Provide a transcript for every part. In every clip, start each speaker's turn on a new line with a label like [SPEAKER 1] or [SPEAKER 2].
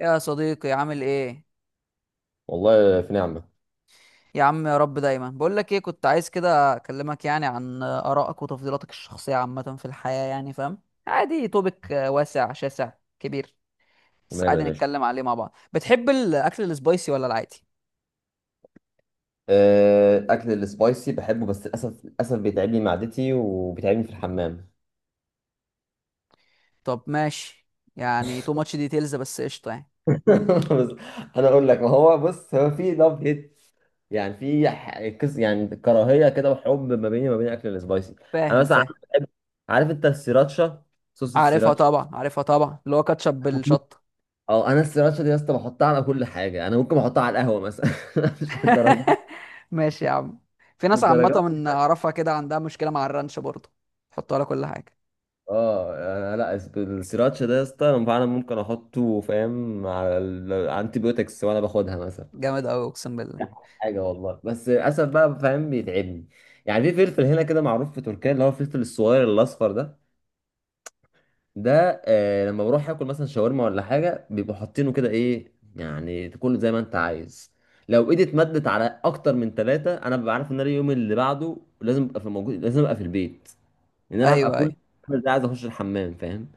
[SPEAKER 1] يا صديقي عامل ايه؟
[SPEAKER 2] والله في نعمة.
[SPEAKER 1] يا عم يا رب، دايما بقول لك ايه، كنت عايز كده اكلمك يعني عن ارائك وتفضيلاتك الشخصيه عامه في الحياه، يعني فاهم؟ عادي، توبك واسع شاسع كبير، بس
[SPEAKER 2] وماله يا
[SPEAKER 1] عادي
[SPEAKER 2] باشا.
[SPEAKER 1] نتكلم عليه مع بعض. بتحب الاكل السبايسي ولا العادي؟
[SPEAKER 2] أكل السبايسي بحبه، بس للأسف بيتعبني معدتي وبيتعبني في الحمام.
[SPEAKER 1] طب ماشي، يعني تو ماتش ديتيلز بس، قشطه يعني.
[SPEAKER 2] بس أنا أقول لك، ما هو بص، هو في لاف هيت، يعني في كس، يعني كراهية كده وحب ما بيني وما بين أكل السبايسي. أنا
[SPEAKER 1] فاهم
[SPEAKER 2] مثلا عارف.
[SPEAKER 1] فاهم.
[SPEAKER 2] بحب- عارف أنت السيراتشا، صوص
[SPEAKER 1] عارفها
[SPEAKER 2] السيراتشا.
[SPEAKER 1] طبعا، عارفها طبعا، اللي هو كاتشب بالشطه.
[SPEAKER 2] أو أنا السيراتشا دي يا اسطى بحطها على كل حاجة. أنا ممكن أحطها على القهوة مثلا. مش الدرجات.
[SPEAKER 1] ماشي يا عم. في ناس عامه
[SPEAKER 2] الدرجات.
[SPEAKER 1] من اعرفها كده عندها مشكله مع الرانش برضه، حطوا على كل حاجه.
[SPEAKER 2] اه، انا لا السراتشا ده يا اسطى، انا فعلا ممكن احطه، فاهم، على الانتي بيوتكس وانا باخدها مثلا.
[SPEAKER 1] جامد قوي اقسم بالله.
[SPEAKER 2] حاجه والله. بس للاسف بقى، فاهم، بيتعبني. يعني في فلفل هنا كده معروف في تركيا، اللي هو الفلفل الصغير الاصفر ده. ده، لما بروح اكل مثلا شاورما ولا حاجه بيبقوا حاطينه كده. ايه، يعني تاكله زي ما انت عايز. لو ايدي اتمدت على اكتر من ثلاثه، انا ببقى عارف ان انا اليوم اللي بعده لازم ابقى في موجود، لازم ابقى في البيت، ان انا هبقى
[SPEAKER 1] ايوه
[SPEAKER 2] كل
[SPEAKER 1] ايوه.
[SPEAKER 2] ده عايز اخش الحمام، فاهم.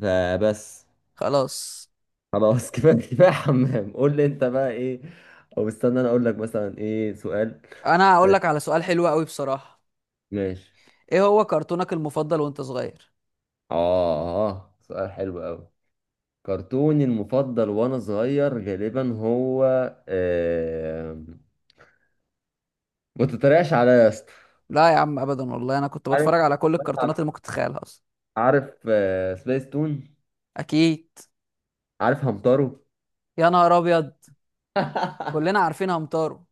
[SPEAKER 2] فبس.
[SPEAKER 1] خلاص.
[SPEAKER 2] خلاص. كفايه كفايه حمام. قول لي انت بقى ايه؟ او استنى، انا اقول لك مثلا ايه سؤال.
[SPEAKER 1] انا هقول
[SPEAKER 2] آه،
[SPEAKER 1] لك على سؤال حلو قوي بصراحه.
[SPEAKER 2] ماشي.
[SPEAKER 1] ايه هو كرتونك المفضل وانت صغير؟
[SPEAKER 2] اه، سؤال حلو قوي. كرتوني المفضل وانا صغير غالبا هو آه... ما تتريقش عليا يا اسطى.
[SPEAKER 1] لا يا عم ابدا والله، انا كنت
[SPEAKER 2] عارف،
[SPEAKER 1] بتفرج على كل الكرتونات اللي ممكن تتخيلها اصلا.
[SPEAKER 2] عارف. سبيس تون.
[SPEAKER 1] اكيد.
[SPEAKER 2] عارف همتارو.
[SPEAKER 1] يا نهار ابيض، كلنا عارفين همتارو،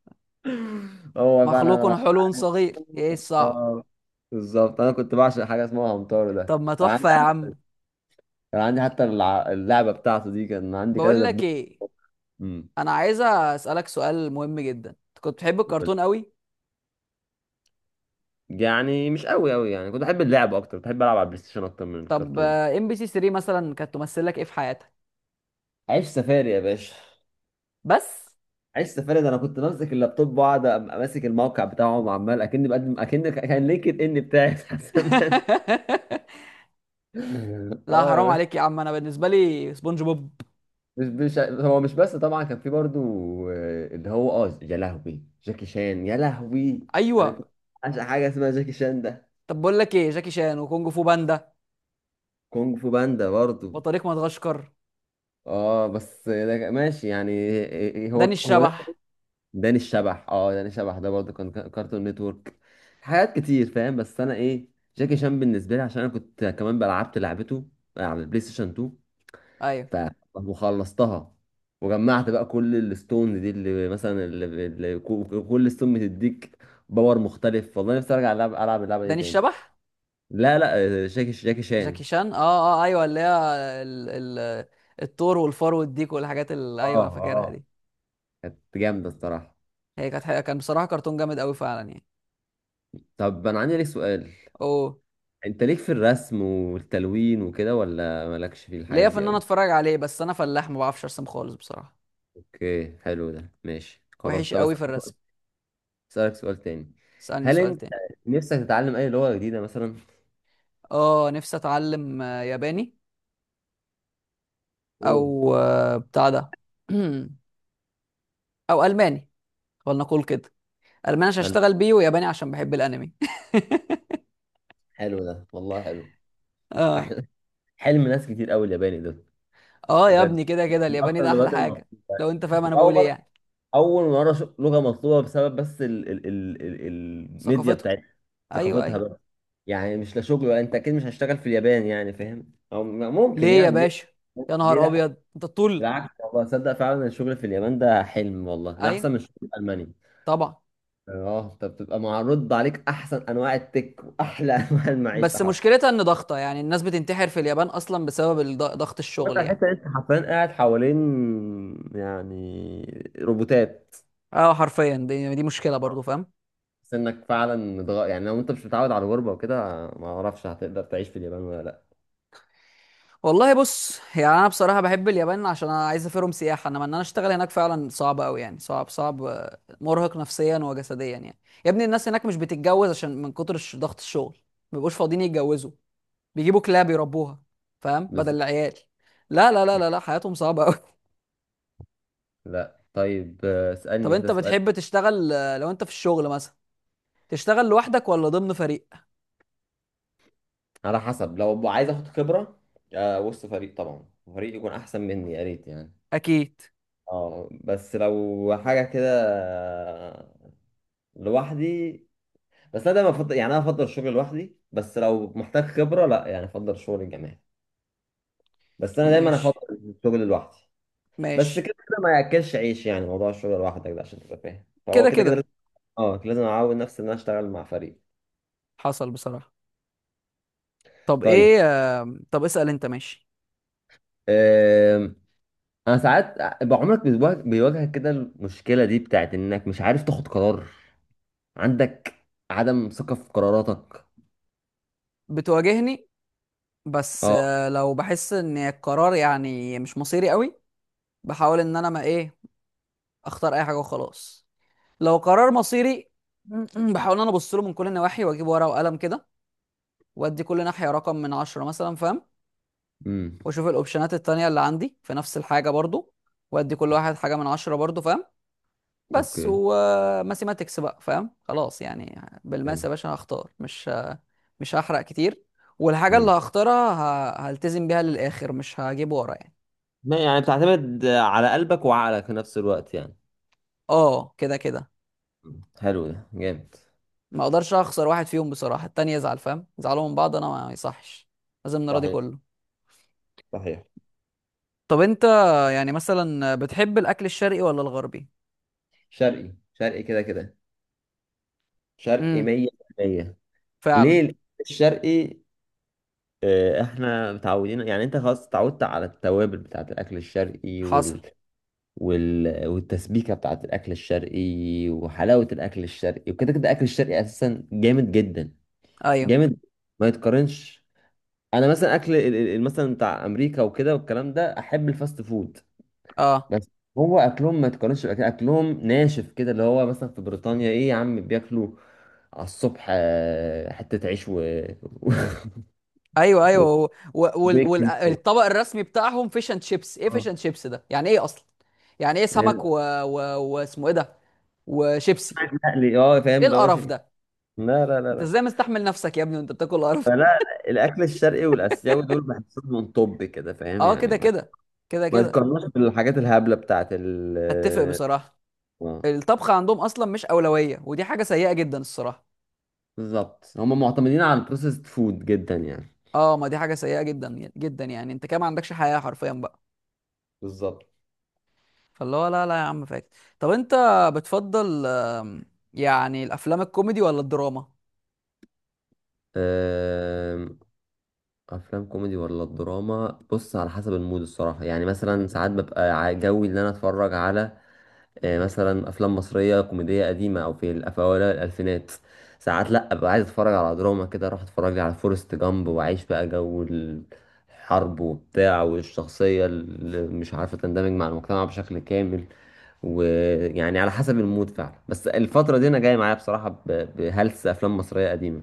[SPEAKER 2] هو بقى
[SPEAKER 1] مخلوق
[SPEAKER 2] انا
[SPEAKER 1] حلو صغير، ايه الصعب.
[SPEAKER 2] اه بالظبط انا كنت بعشق حاجه اسمها همتارو ده.
[SPEAKER 1] طب ما تحفه يا عم.
[SPEAKER 2] كان عندي حتى اللعبة بتاعته دي، كان عندي
[SPEAKER 1] بقول
[SPEAKER 2] كذا
[SPEAKER 1] لك
[SPEAKER 2] دبدوب.
[SPEAKER 1] ايه،
[SPEAKER 2] امم
[SPEAKER 1] انا عايزه اسالك سؤال مهم جدا، انت كنت بتحب
[SPEAKER 2] وكنت-
[SPEAKER 1] الكرتون قوي؟
[SPEAKER 2] يعني مش قوي قوي، يعني كنت احب اللعب اكتر، بحب العب على البلاي ستيشن اكتر من
[SPEAKER 1] طب
[SPEAKER 2] الكرتون.
[SPEAKER 1] ام بي سي 3 مثلا كانت تمثل لك ايه في حياتك؟
[SPEAKER 2] عيش سفاري يا باشا.
[SPEAKER 1] بس.
[SPEAKER 2] عيش سفاري ده، انا كنت بمسك اللابتوب واقعد ماسك الموقع بتاعه، وعمال اكني بقدم اكن كان لينكد ان بتاعي بتاع زمان.
[SPEAKER 1] لا
[SPEAKER 2] اه يا
[SPEAKER 1] حرام
[SPEAKER 2] باشا.
[SPEAKER 1] عليك يا عم، انا بالنسبه لي سبونج بوب.
[SPEAKER 2] مش هو مش، بس طبعا كان في برضو. اللي هو، اه يا لهوي، جاكي شان يا لهوي. انا
[SPEAKER 1] ايوه.
[SPEAKER 2] كنت عشان حاجه اسمها جاكي شان ده.
[SPEAKER 1] طب بقول لك ايه، جاكي شان وكونج فو باندا،
[SPEAKER 2] كونج فو باندا برضو.
[SPEAKER 1] بطريق مدغشقر،
[SPEAKER 2] اه، بس ده ماشي يعني. إيه، إيه، هو
[SPEAKER 1] داني
[SPEAKER 2] هو ده.
[SPEAKER 1] الشبح.
[SPEAKER 2] داني الشبح. اه، داني الشبح ده برضه كان كارتون نتورك. حاجات كتير فاهم. بس انا ايه، جاكي شان بالنسبه لي عشان انا كنت كمان لعبت لعبته على البلاي ستيشن 2.
[SPEAKER 1] ايوه
[SPEAKER 2] ف- وخلصتها. وجمعت بقى كل الستون دي، اللي مثلا اللي كل ستون بتديك باور مختلف. والله نفسي ارجع العب اللعبه دي
[SPEAKER 1] داني
[SPEAKER 2] تاني.
[SPEAKER 1] الشبح.
[SPEAKER 2] لا، لا، جاكي شان.
[SPEAKER 1] جاكي شان اه. اه ايوه اللي هي، ال... ال... الثور والفار والديك والحاجات اللي، ايوه
[SPEAKER 2] اه،
[SPEAKER 1] انا فاكرها
[SPEAKER 2] اه،
[SPEAKER 1] دي.
[SPEAKER 2] كانت جامده الصراحه.
[SPEAKER 1] هي كانت حقيقة، كان بصراحه كرتون جامد قوي فعلا يعني.
[SPEAKER 2] طب انا عندي لك سؤال.
[SPEAKER 1] اوه.
[SPEAKER 2] انت ليك في الرسم والتلوين وكده، ولا مالكش في الحاجات
[SPEAKER 1] ليا في
[SPEAKER 2] دي
[SPEAKER 1] ان انا
[SPEAKER 2] قوي؟
[SPEAKER 1] اتفرج عليه، بس انا فلاح، ما بعرفش ارسم خالص بصراحه،
[SPEAKER 2] اوكي، حلو ده، ماشي، خلاص،
[SPEAKER 1] وحش
[SPEAKER 2] طب
[SPEAKER 1] قوي في الرسم.
[SPEAKER 2] اسالك سؤال تاني.
[SPEAKER 1] اسالني
[SPEAKER 2] هل
[SPEAKER 1] سؤال
[SPEAKER 2] انت
[SPEAKER 1] تاني.
[SPEAKER 2] نفسك تتعلم اي لغة جديدة مثلا؟
[SPEAKER 1] اه نفسي اتعلم ياباني،
[SPEAKER 2] مم.
[SPEAKER 1] او بتاع ده، او الماني. ولنقول كده، الماني عشان
[SPEAKER 2] أنا-
[SPEAKER 1] اشتغل بيه، وياباني عشان بحب الانمي.
[SPEAKER 2] حلو ده والله، حلو.
[SPEAKER 1] اه.
[SPEAKER 2] أحلى. حلم ناس كتير قوي الياباني ده،
[SPEAKER 1] اه يا
[SPEAKER 2] بجد،
[SPEAKER 1] ابني، كده كده
[SPEAKER 2] من
[SPEAKER 1] الياباني
[SPEAKER 2] اكتر
[SPEAKER 1] ده احلى
[SPEAKER 2] اللغات المطلوبة.
[SPEAKER 1] حاجه، لو انت فاهم انا
[SPEAKER 2] واول
[SPEAKER 1] بقول ايه
[SPEAKER 2] مرة
[SPEAKER 1] يعني.
[SPEAKER 2] اول مرة أشوف لغة مطلوبة بسبب بس ال ال ال ال الميديا
[SPEAKER 1] ثقافته.
[SPEAKER 2] بتاعتها،
[SPEAKER 1] ايوه
[SPEAKER 2] ثقافتها
[SPEAKER 1] ايوه.
[SPEAKER 2] بقى. يعني مش لا شغل، ولا انت اكيد مش هشتغل في اليابان يعني، فاهم، او ممكن
[SPEAKER 1] ليه يا
[SPEAKER 2] يعني ليه.
[SPEAKER 1] باشا؟ يا
[SPEAKER 2] ليه
[SPEAKER 1] نهار
[SPEAKER 2] لا؟
[SPEAKER 1] ابيض انت الطول.
[SPEAKER 2] بالعكس والله، تصدق فعلا الشغل في اليابان ده حلم والله، ده
[SPEAKER 1] ايوه
[SPEAKER 2] احسن من الشغل في المانيا.
[SPEAKER 1] طبعا.
[SPEAKER 2] اه، انت بتبقى معرض عليك احسن انواع التك واحلى انواع المعيشه
[SPEAKER 1] بس
[SPEAKER 2] حرفيا.
[SPEAKER 1] مشكلتها ان ضغطه يعني، الناس بتنتحر في اليابان اصلا بسبب ضغط
[SPEAKER 2] وانت
[SPEAKER 1] الشغل يعني.
[SPEAKER 2] حتى انت حرفيا قاعد حوالين يعني روبوتات
[SPEAKER 1] اه حرفيا، دي مشكله برضو فاهم.
[SPEAKER 2] سنك فعلا يعني لو انت مش متعود على الغربه وكده، ما اعرفش هتقدر تعيش في اليابان ولا لا.
[SPEAKER 1] والله بص يعني، انا بصراحه بحب اليابان عشان انا عايز اسافرهم سياحه، انما ان انا اشتغل هناك فعلا صعب قوي يعني، صعب صعب، مرهق نفسيا وجسديا يعني. يا ابني الناس هناك مش بتتجوز عشان من كتر ضغط الشغل، ما بيبقوش فاضيين يتجوزوا، بيجيبوا كلاب يربوها، فاهم بدل
[SPEAKER 2] بالظبط.
[SPEAKER 1] العيال. لا لا لا لا لا، حياتهم صعبه قوي.
[SPEAKER 2] لا، طيب،
[SPEAKER 1] طب
[SPEAKER 2] اسالني كده
[SPEAKER 1] انت
[SPEAKER 2] سؤال.
[SPEAKER 1] بتحب تشتغل لو انت في الشغل مثلا، تشتغل لوحدك ولا ضمن فريق؟
[SPEAKER 2] على حسب، لو عايز اخد خبره، وسط فريق طبعا، فريق يكون احسن مني يا ريت يعني.
[SPEAKER 1] اكيد.
[SPEAKER 2] اه، بس لو حاجة كده لوحدي، بس انا دايما افضل يعني، انا افضل الشغل لوحدي، بس لو محتاج خبرة لا يعني، افضل الشغل الجماعي. بس انا دايما افضل
[SPEAKER 1] ماشي
[SPEAKER 2] الشغل لوحدي. بس
[SPEAKER 1] ماشي.
[SPEAKER 2] كده كده ما ياكلش عيش، يعني موضوع الشغل لوحدك ده عشان تبقى فاهم، فهو
[SPEAKER 1] كده
[SPEAKER 2] كده كده
[SPEAKER 1] كده.
[SPEAKER 2] لازم. اه، لازم اعود نفسي ان انا اشتغل مع فريق.
[SPEAKER 1] حصل بصراحه. طب
[SPEAKER 2] طيب،
[SPEAKER 1] ايه، طب اسال انت ماشي.
[SPEAKER 2] أم... انا ساعات بقى، عمرك بيواجهك كده المشكلة دي بتاعت انك مش عارف تاخد قرار؟ عندك عدم ثقة في قراراتك؟
[SPEAKER 1] بتواجهني، بس
[SPEAKER 2] اه.
[SPEAKER 1] لو بحس ان القرار يعني مش مصيري قوي، بحاول ان انا ما ايه، اختار اي حاجه وخلاص. لو قرار مصيري، بحاول ان انا ابص له من كل النواحي، واجيب ورقه وقلم كده، وادي كل ناحيه رقم من 10 مثلا فاهم،
[SPEAKER 2] امم.
[SPEAKER 1] واشوف الاوبشنات التانية اللي عندي في نفس الحاجه برضو، وادي كل واحد حاجه من 10 برضو فاهم. بس
[SPEAKER 2] اوكي،
[SPEAKER 1] وماثيماتكس بقى فاهم، خلاص يعني، بالماس يا
[SPEAKER 2] جامد.
[SPEAKER 1] باشا هختار، مش هحرق كتير، والحاجه اللي
[SPEAKER 2] مم.
[SPEAKER 1] هختارها هلتزم بيها للاخر، مش هجيب ورا يعني.
[SPEAKER 2] ما يعني بتعتمد على قلبك وعقلك في نفس الوقت يعني.
[SPEAKER 1] اه كده كده،
[SPEAKER 2] حلو ده، جامد.
[SPEAKER 1] ما اقدرش اخسر واحد فيهم بصراحه، التاني يزعل فاهم، يزعلوا من بعض، انا ما يصحش، لازم نراضي
[SPEAKER 2] صحيح،
[SPEAKER 1] كله.
[SPEAKER 2] صحيح.
[SPEAKER 1] طب انت يعني مثلا بتحب الاكل الشرقي ولا الغربي؟
[SPEAKER 2] شرقي، شرقي، كده كده. شرقي
[SPEAKER 1] امم.
[SPEAKER 2] 100%.
[SPEAKER 1] فعلا.
[SPEAKER 2] ليه الشرقي؟ احنا متعودين يعني، انت خلاص اتعودت على التوابل بتاعت الاكل الشرقي
[SPEAKER 1] حصل.
[SPEAKER 2] والتسبيكه بتاعت الاكل الشرقي وحلاوه الاكل الشرقي وكده كده. الاكل الشرقي اساسا جامد جدا.
[SPEAKER 1] ايوه.
[SPEAKER 2] جامد، ما يتقارنش. انا مثلا اكل مثلا بتاع امريكا وكده والكلام ده، احب الفاست فود.
[SPEAKER 1] اه.
[SPEAKER 2] بس هو اكلهم ما تقارنش بأكل، اكلهم ناشف كده. اللي هو مثلا في بريطانيا ايه يا عم بياكلوا على الصبح حتة عيش و
[SPEAKER 1] ايوه ايوه
[SPEAKER 2] و-
[SPEAKER 1] و... و... وال... وال...
[SPEAKER 2] وبيكن.
[SPEAKER 1] الطبق الرسمي بتاعهم فيش اند شيبس، ايه
[SPEAKER 2] اه
[SPEAKER 1] فيش اند شيبس ده يعني ايه اصلا، يعني ايه سمك
[SPEAKER 2] هنا،
[SPEAKER 1] و... واسمه ايه ده، وشيبسي؟
[SPEAKER 2] مقلي، اه فاهم
[SPEAKER 1] ايه
[SPEAKER 2] اللي هو
[SPEAKER 1] القرف
[SPEAKER 2] شيء.
[SPEAKER 1] ده،
[SPEAKER 2] لا، لا، لا،
[SPEAKER 1] انت
[SPEAKER 2] لا.
[SPEAKER 1] ازاي مستحمل نفسك يا ابني وانت بتاكل القرف ده؟
[SPEAKER 2] فلا، الاكل الشرقي والاسيوي دول بحسهم من طب كده، فاهم
[SPEAKER 1] اه
[SPEAKER 2] يعني.
[SPEAKER 1] كده
[SPEAKER 2] ما
[SPEAKER 1] كده، كده
[SPEAKER 2] ما
[SPEAKER 1] كده.
[SPEAKER 2] تقارنوش بالحاجات الهبلة بتاعت ال.
[SPEAKER 1] اتفق بصراحه،
[SPEAKER 2] اه
[SPEAKER 1] الطبخ عندهم اصلا مش اولويه، ودي حاجه سيئه جدا الصراحه.
[SPEAKER 2] بالظبط، هم معتمدين على البروسيسد فود جدا يعني.
[SPEAKER 1] اه ما دي حاجه سيئه جدا جدا، يعني انت كده ما عندكش حياه حرفيا بقى.
[SPEAKER 2] بالظبط.
[SPEAKER 1] فاللي هو لا لا يا عم، فاكس. طب انت بتفضل يعني الافلام الكوميدي ولا الدراما؟
[SPEAKER 2] افلام كوميدي ولا الدراما؟ بص على حسب المود الصراحه يعني، مثلا ساعات ببقى جوي ان انا اتفرج على مثلا افلام مصريه كوميديه قديمه او في اوائل الالفينات. ساعات لا، ابقى عايز اتفرج على دراما كده، اروح اتفرج لي على فورست جامب واعيش بقى جو الحرب وبتاع، والشخصيه اللي مش عارفه تندمج مع المجتمع بشكل كامل. ويعني على حسب المود فعلا. بس الفتره دي انا جاي معايا بصراحه بهلس افلام مصريه قديمه.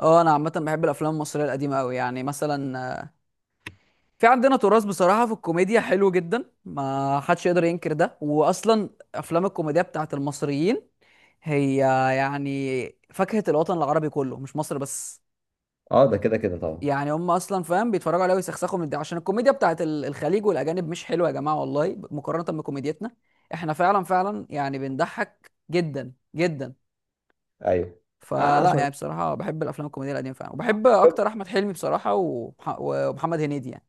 [SPEAKER 1] اه انا عامه بحب الافلام المصريه القديمه قوي، يعني مثلا في عندنا تراث بصراحه في الكوميديا حلو جدا، ما حدش يقدر ينكر ده، واصلا افلام الكوميديا بتاعت المصريين هي يعني فاكهه الوطن العربي كله، مش مصر بس،
[SPEAKER 2] اه، ده كده كده طبعا.
[SPEAKER 1] يعني هم اصلا فاهم بيتفرجوا عليها ويسخسخوا من ده، عشان الكوميديا بتاعت الخليج والاجانب مش حلوه يا جماعه والله، مقارنه بكوميديتنا، احنا فعلا فعلا يعني بنضحك جدا جدا.
[SPEAKER 2] ايوه.
[SPEAKER 1] فلا
[SPEAKER 2] عشان،
[SPEAKER 1] يعني بصراحه بحب الافلام الكوميديه القديمه فعلا، وبحب اكتر احمد حلمي بصراحه ومحمد هنيدي يعني.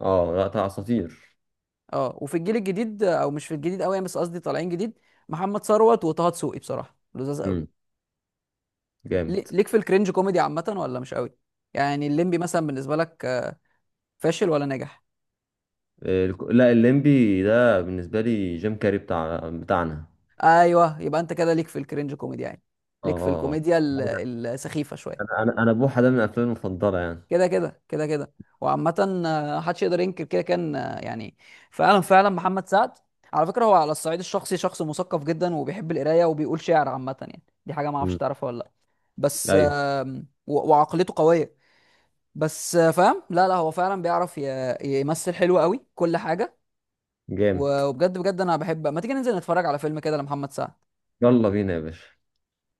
[SPEAKER 2] اه، لا اساطير.
[SPEAKER 1] اه وفي الجيل الجديد، او مش في الجديد قوي بس قصدي طالعين جديد، محمد ثروت وطه دسوقي بصراحه لذاذ قوي.
[SPEAKER 2] امم، جامد.
[SPEAKER 1] ليك في الكرنج كوميدي عامه ولا مش قوي؟ يعني الليمبي مثلا بالنسبه لك فاشل ولا ناجح؟
[SPEAKER 2] لا، الليمبي ده بالنسبه لي جيم كاري بتاعنا.
[SPEAKER 1] ايوه يبقى انت كده ليك في الكرنج كوميدي يعني،
[SPEAKER 2] اه،
[SPEAKER 1] ليك في
[SPEAKER 2] اه، آه.
[SPEAKER 1] الكوميديا
[SPEAKER 2] هو ده.
[SPEAKER 1] السخيفه شويه،
[SPEAKER 2] انا بوحه ده من افلامي المفضله يعني.
[SPEAKER 1] كده كده كده كده. وعامه محدش يقدر ينكر كده، كان يعني فعلا فعلا محمد سعد على فكره هو على الصعيد الشخصي شخص مثقف جدا، وبيحب القرايه، وبيقول شعر عامه يعني، دي حاجه ما اعرفش
[SPEAKER 2] امم.
[SPEAKER 1] تعرفها ولا لا. بس
[SPEAKER 2] ايوه،
[SPEAKER 1] وعقليته قويه، بس فاهم، لا لا، هو فعلا بيعرف يمثل حلو قوي كل حاجه،
[SPEAKER 2] جامد.
[SPEAKER 1] وبجد بجد انا بحب ما تيجي ننزل نتفرج على فيلم كده لمحمد سعد.
[SPEAKER 2] يلا بينا يا باشا.